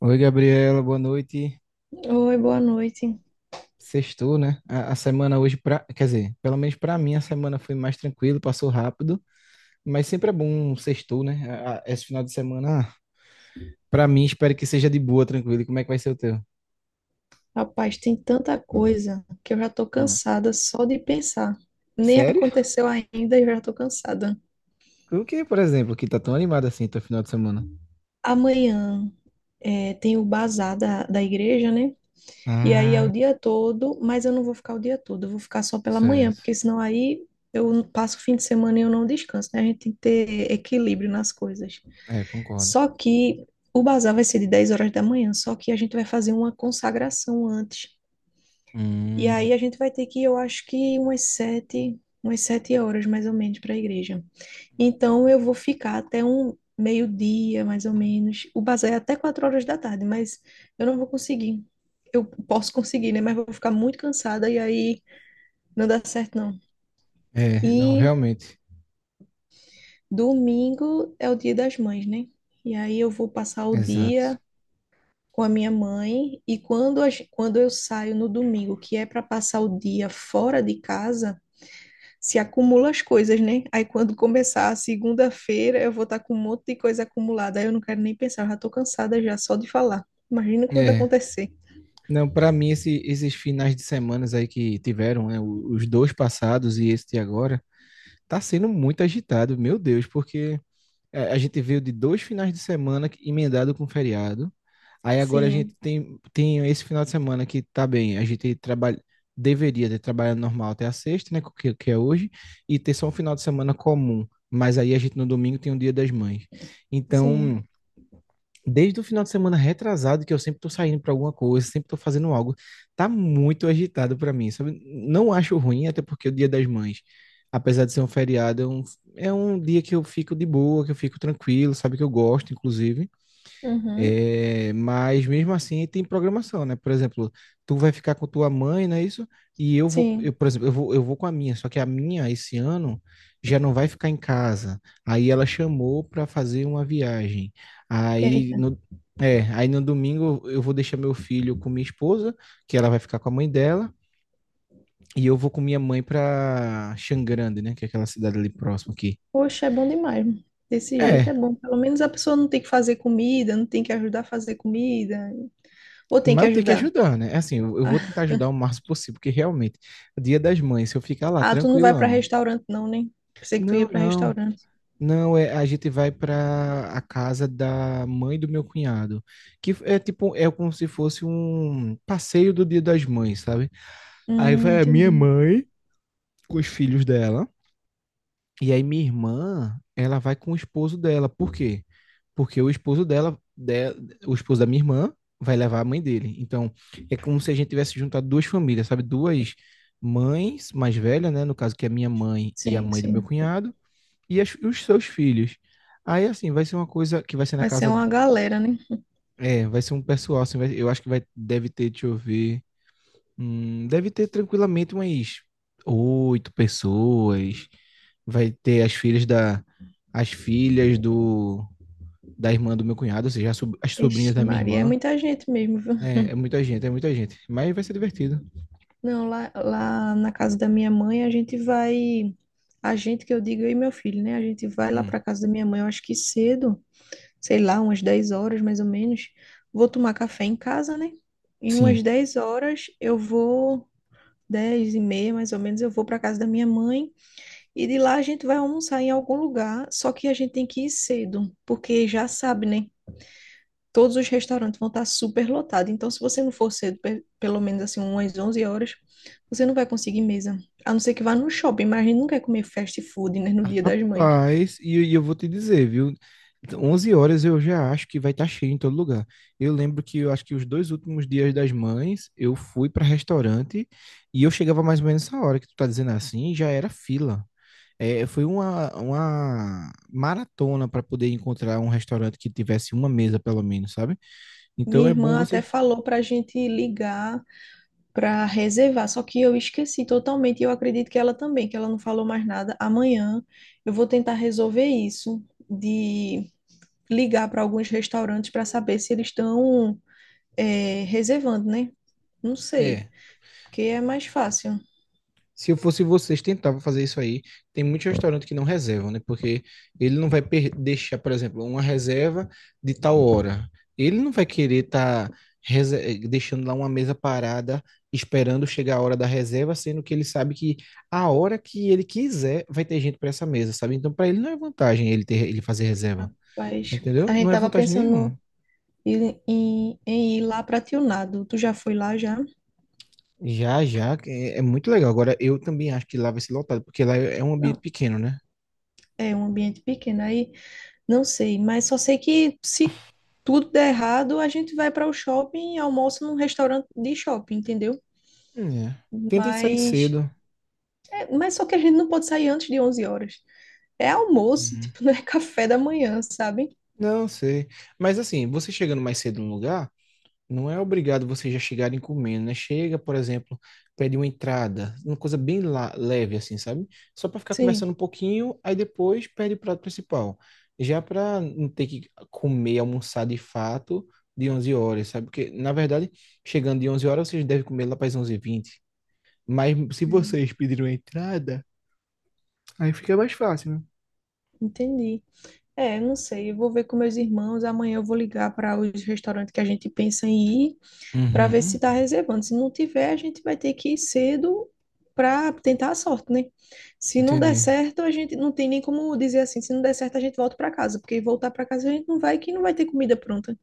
Oi, Gabriela, boa noite. Oi, boa noite. Sextou, né? A semana hoje, pra, quer dizer, pelo menos para mim, a semana foi mais tranquila, passou rápido, mas sempre é bom um sextou, né? Esse final de semana, para mim, espero que seja de boa, tranquilo. E como é que vai ser o teu? Rapaz, tem tanta coisa que eu já tô Hum. cansada só de pensar. Nem Sério? aconteceu ainda e eu já tô cansada. O que, por exemplo, que tá tão animado assim teu final de semana? Amanhã tem o bazar da igreja, né? E aí é o Ah, dia todo, mas eu não vou ficar o dia todo, eu vou ficar só pela manhã, certo. porque senão aí eu passo o fim de semana e eu não descanso, né? A gente tem que ter equilíbrio nas coisas. É, concordo. Só que o bazar vai ser de 10 horas da manhã, só que a gente vai fazer uma consagração antes. E Hum. aí a gente vai ter que ir, eu acho que umas 7 horas mais ou menos para a igreja. Então eu vou ficar até um meio-dia, mais ou menos. O bazar é até 4 horas da tarde, mas eu não vou conseguir. Eu posso conseguir, né? Mas vou ficar muito cansada e aí não dá certo, não. É, não, E realmente. domingo é o dia das mães, né? E aí eu vou passar o Exato. dia com a minha mãe e quando, quando eu saio no domingo, que é para passar o dia fora de casa, se acumula as coisas, né? Aí quando começar a segunda-feira, eu vou estar com um monte de coisa acumulada. Aí eu não quero nem pensar, eu já tô cansada já só de falar. Imagina quando É. acontecer. Não, pra mim, esses finais de semanas aí que tiveram, né? Os dois passados e este agora tá sendo muito agitado, meu Deus, porque a gente veio de dois finais de semana emendado com feriado. Aí agora a gente Sim, tem esse final de semana que tá bem, a gente trabalha, deveria ter trabalhado normal até a sexta, né, que é hoje, e ter só um final de semana comum. Mas aí a gente no domingo tem o Dia das Mães. sim. Então, desde o final de semana retrasado, que eu sempre tô saindo pra alguma coisa, sempre tô fazendo algo, tá muito agitado pra mim, sabe? Não acho ruim, até porque é o Dia das Mães, apesar de ser um feriado, é um dia que eu fico de boa, que eu fico tranquilo, sabe? Que eu gosto, inclusive. Uhum. É, mas mesmo assim tem programação, né? Por exemplo, tu vai ficar com tua mãe, não é isso? E eu vou, eu, Sim. por exemplo, eu vou com a minha, só que a minha esse ano já não vai ficar em casa. Aí ela chamou para fazer uma viagem. Aí Eita. no, aí no domingo eu vou deixar meu filho com minha esposa, que ela vai ficar com a mãe dela, e eu vou com minha mãe para Xangrande, né? Que é aquela cidade ali próxima aqui. Poxa, é bom demais. Desse jeito é É, bom. Pelo menos a pessoa não tem que fazer comida, não tem que ajudar a fazer comida. Ou tem mas que eu tenho que ajudar. ajudar, né? É. Assim, eu vou tentar ajudar o máximo possível, porque realmente, Dia das Mães, se eu ficar lá Ah, tu não vai para tranquilão, restaurante não, né? Pensei que tu ia não, para não, restaurante. não, a gente vai para a casa da mãe do meu cunhado, que é tipo, é como se fosse um passeio do Dia das Mães, sabe? Aí vai a minha Entendi. mãe com os filhos dela. E aí minha irmã, ela vai com o esposo dela. Por quê? Porque o esposo dela, o esposo da minha irmã, vai levar a mãe dele. Então, é como se a gente tivesse juntado duas famílias, sabe? Duas mães mais velhas, né? No caso, que é a minha mãe e a Sim, mãe do meu sim. cunhado, e os seus filhos. Aí, assim, vai ser uma coisa que vai ser na Vai ser casa. uma galera, né? É, vai ser um pessoal, assim, eu acho que vai, deve ter, deixa eu ver. Deve ter tranquilamente umas oito pessoas. Vai ter as filhas da irmã do meu cunhado, ou seja, as sobrinhas Ixi, da minha Maria, é irmã. muita gente mesmo, viu? é, muita gente, é muita gente. Mas vai ser divertido. Não, lá na casa da minha mãe, a gente vai. A gente que eu digo, eu e meu filho, né? A gente vai lá Hum. para casa da minha mãe, eu acho que cedo, sei lá, umas 10 horas mais ou menos. Vou tomar café em casa, né? Em umas Sim. 10 horas eu vou, 10h30 mais ou menos, eu vou para casa da minha mãe. E de lá a gente vai almoçar em algum lugar, só que a gente tem que ir cedo, porque já sabe, né? Todos os restaurantes vão estar super lotados. Então, se você não for cedo, pelo menos assim, umas 11 horas, você não vai conseguir mesa. A não ser que vá no shopping, mas a gente não quer comer fast food, né, no Dia das Mães. Rapaz, e eu vou te dizer, viu? 11 horas eu já acho que vai estar cheio em todo lugar. Eu lembro que eu acho que os dois últimos Dias das Mães, eu fui para restaurante e eu chegava mais ou menos essa hora que tu tá dizendo assim, já era fila. É, foi uma maratona para poder encontrar um restaurante que tivesse uma mesa, pelo menos, sabe? Então Minha é bom irmã até você. falou para gente ligar para reservar, só que eu esqueci totalmente e eu acredito que ela também, que ela não falou mais nada. Amanhã eu vou tentar resolver isso de ligar para alguns restaurantes para saber se eles estão reservando, né? Não sei, É. porque é mais fácil. Se eu fosse vocês, tentava fazer isso aí. Tem muitos restaurantes que não reservam, né? Porque ele não vai deixar, por exemplo, uma reserva de tal hora. Ele não vai querer estar deixando lá uma mesa parada, esperando chegar a hora da reserva, sendo que ele sabe que a hora que ele quiser vai ter gente para essa mesa, sabe? Então, para ele não é vantagem ele ter, ele fazer reserva. Rapaz, a Entendeu? gente Não é tava vantagem pensando nenhuma. em ir lá para Tionado. Tu já foi lá já? Já, já, é, muito legal. Agora, eu também acho que lá vai ser lotado, porque lá é um ambiente Não, pequeno, né? é um ambiente pequeno aí, não sei, mas só sei que se tudo der errado, a gente vai para o shopping e almoça num restaurante de shopping, entendeu? É. Tentem sair Mas, cedo. mas só que a gente não pode sair antes de 11 horas. É almoço, Uhum. tipo, não é café da manhã, sabe? Não sei. Mas assim, você chegando mais cedo no lugar. Não é obrigado vocês já chegarem comendo, né? Chega, por exemplo, pede uma entrada, uma coisa bem leve, assim, sabe? Só para ficar conversando Sim, um pouquinho, aí depois pede o prato principal. Já para não ter que comer, almoçar de fato de 11 horas, sabe? Porque, na verdade, chegando de 11 horas, vocês devem comer lá para as onze h 20. Mas se vocês pediram a entrada, aí fica mais fácil, né? entendi. É, não sei, eu vou ver com meus irmãos. Amanhã eu vou ligar para os restaurantes que a gente pensa em ir, para ver se Uhum, está reservando. Se não tiver, a gente vai ter que ir cedo para tentar a sorte, né? Se não der entendi. certo, a gente não tem nem como dizer assim. Se não der certo, a gente volta para casa, porque voltar para casa a gente não vai, que não vai ter comida pronta.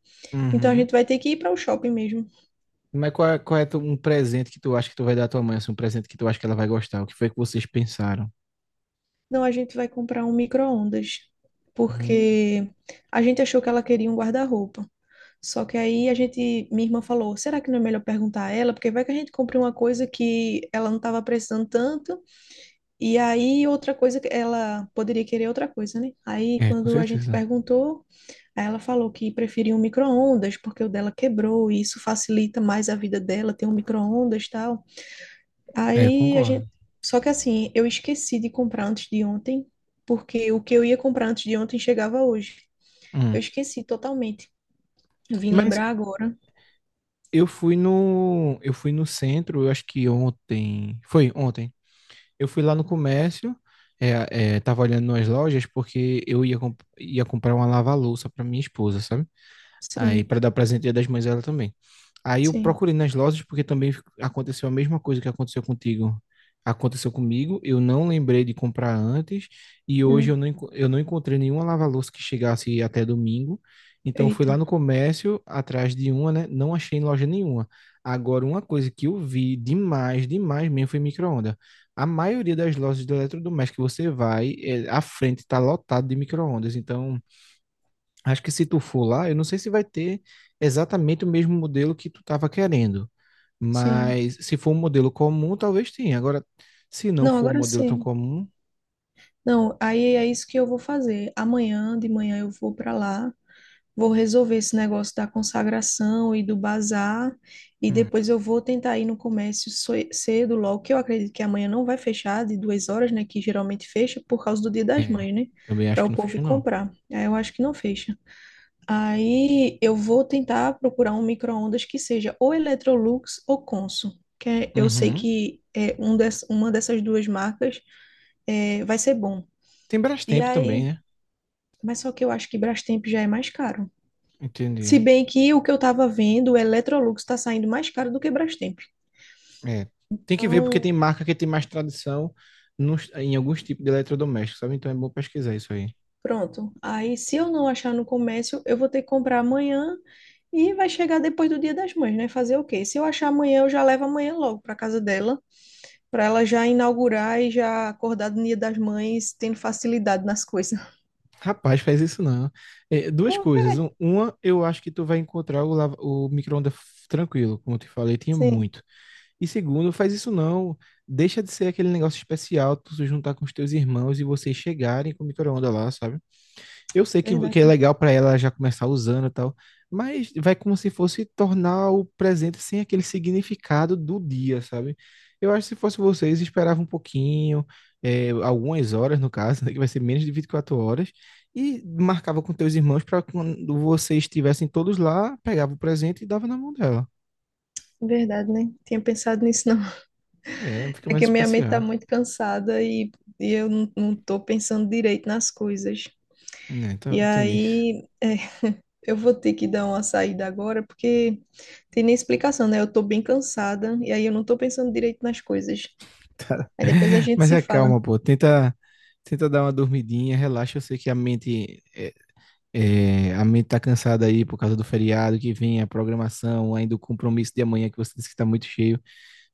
Então a Uhum. gente vai ter que ir para o shopping mesmo. Mas qual é, um presente que tu acha que tu vai dar à tua mãe? Assim, um presente que tu acha que ela vai gostar? O que foi que vocês pensaram? Não, a gente vai comprar um micro-ondas, Hum. porque a gente achou que ela queria um guarda-roupa. Só que aí minha irmã falou, será que não é melhor perguntar a ela? Porque vai que a gente compre uma coisa que ela não estava precisando tanto, e aí outra coisa que ela poderia querer outra coisa, né? Aí É, com quando a gente certeza. perguntou, aí ela falou que preferia um micro-ondas, porque o dela quebrou, e isso facilita mais a vida dela, ter um micro-ondas e tal. É, Aí a concordo. gente. Só que assim, eu esqueci de comprar antes de ontem, porque o que eu ia comprar antes de ontem chegava hoje. Hum. Eu esqueci totalmente. Vim Mas lembrar agora. eu fui no, centro, eu acho que ontem, foi ontem. Eu fui lá no comércio, tava olhando nas lojas porque ia comprar uma lava-louça para minha esposa, sabe? Aí Sim. para dar presente Dia das Mães a ela também. Aí eu Sim. procurei nas lojas porque também aconteceu a mesma coisa que aconteceu contigo. Aconteceu comigo, eu não lembrei de comprar antes e hoje Hum, eu não encontrei nenhuma lava-louça que chegasse até domingo. Então eu fui lá eita, no comércio atrás de uma, né? Não achei em loja nenhuma. Agora, uma coisa que eu vi demais, demais mesmo foi micro-onda. A maioria das lojas de eletrodoméstico que você vai, a frente está lotada de micro-ondas. Então, acho que se tu for lá, eu não sei se vai ter exatamente o mesmo modelo que tu estava querendo, sim. mas se for um modelo comum, talvez tenha. Agora, se não Não, for um agora modelo tão sim. comum, Não, aí é isso que eu vou fazer. Amanhã de manhã eu vou para lá, vou resolver esse negócio da consagração e do bazar, e hum, depois eu vou tentar ir no comércio cedo, logo, que eu acredito que amanhã não vai fechar de 2 horas, né? Que geralmente fecha por causa do Dia das é, Mães, né? também acho Para o que não povo ir fecha não. comprar. Aí eu acho que não fecha. Aí eu vou tentar procurar um micro-ondas que seja ou Electrolux ou Consul, eu sei Uhum. que é uma dessas duas marcas, vai ser bom. Tem E Brastemp também, aí, né? mas só que eu acho que Brastemp já é mais caro. Entendi. Se bem que o que eu tava vendo, o Electrolux está saindo mais caro do que Brastemp. É, tem que ver porque Então, tem marca que tem mais tradição em alguns tipos de eletrodomésticos, sabe? Então é bom pesquisar isso aí. pronto. Aí, se eu não achar no comércio, eu vou ter que comprar amanhã e vai chegar depois do Dia das Mães, né? Fazer o quê? Se eu achar amanhã, eu já levo amanhã logo para casa dela para ela já inaugurar e já acordar do Dia das Mães tendo facilidade nas coisas. Rapaz, faz isso não. É, duas Por quê? coisas. Uma, eu acho que tu vai encontrar o micro-ondas tranquilo, como eu te falei, tinha Sim, muito. E segundo, faz isso não. Deixa de ser aquele negócio especial, tu se juntar com os teus irmãos e vocês chegarem com o micro-ondas lá, sabe? Eu sei que é verdade. legal pra ela já começar usando e tal, mas vai como se fosse tornar o presente sem aquele significado do dia, sabe? Eu acho que se fosse vocês, esperava um pouquinho, algumas horas no caso, né, que vai ser menos de 24 horas, e marcava com teus irmãos pra quando vocês estivessem todos lá, pegava o presente e dava na mão dela. Verdade, né? Tinha pensado nisso, não. É, fica É mais que a minha mente tá especial. muito cansada e eu não tô pensando direito nas coisas. Né, então, E entendi. aí, eu vou ter que dar uma saída agora, porque tem nem explicação, né? Eu tô bem cansada e aí eu não tô pensando direito nas coisas. Aí depois a gente Mas se é fala. calma, pô. Tenta dar uma dormidinha, relaxa. Eu sei que a mente tá cansada aí por causa do feriado que vem, a programação, ainda o compromisso de amanhã que você disse que tá muito cheio.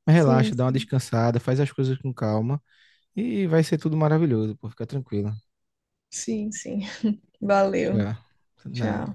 Mas Sim, relaxa, dá uma sim, descansada, faz as coisas com calma e vai ser tudo maravilhoso, pô. Fica tranquila. sim, sim. Valeu. Já, nada. Tchau.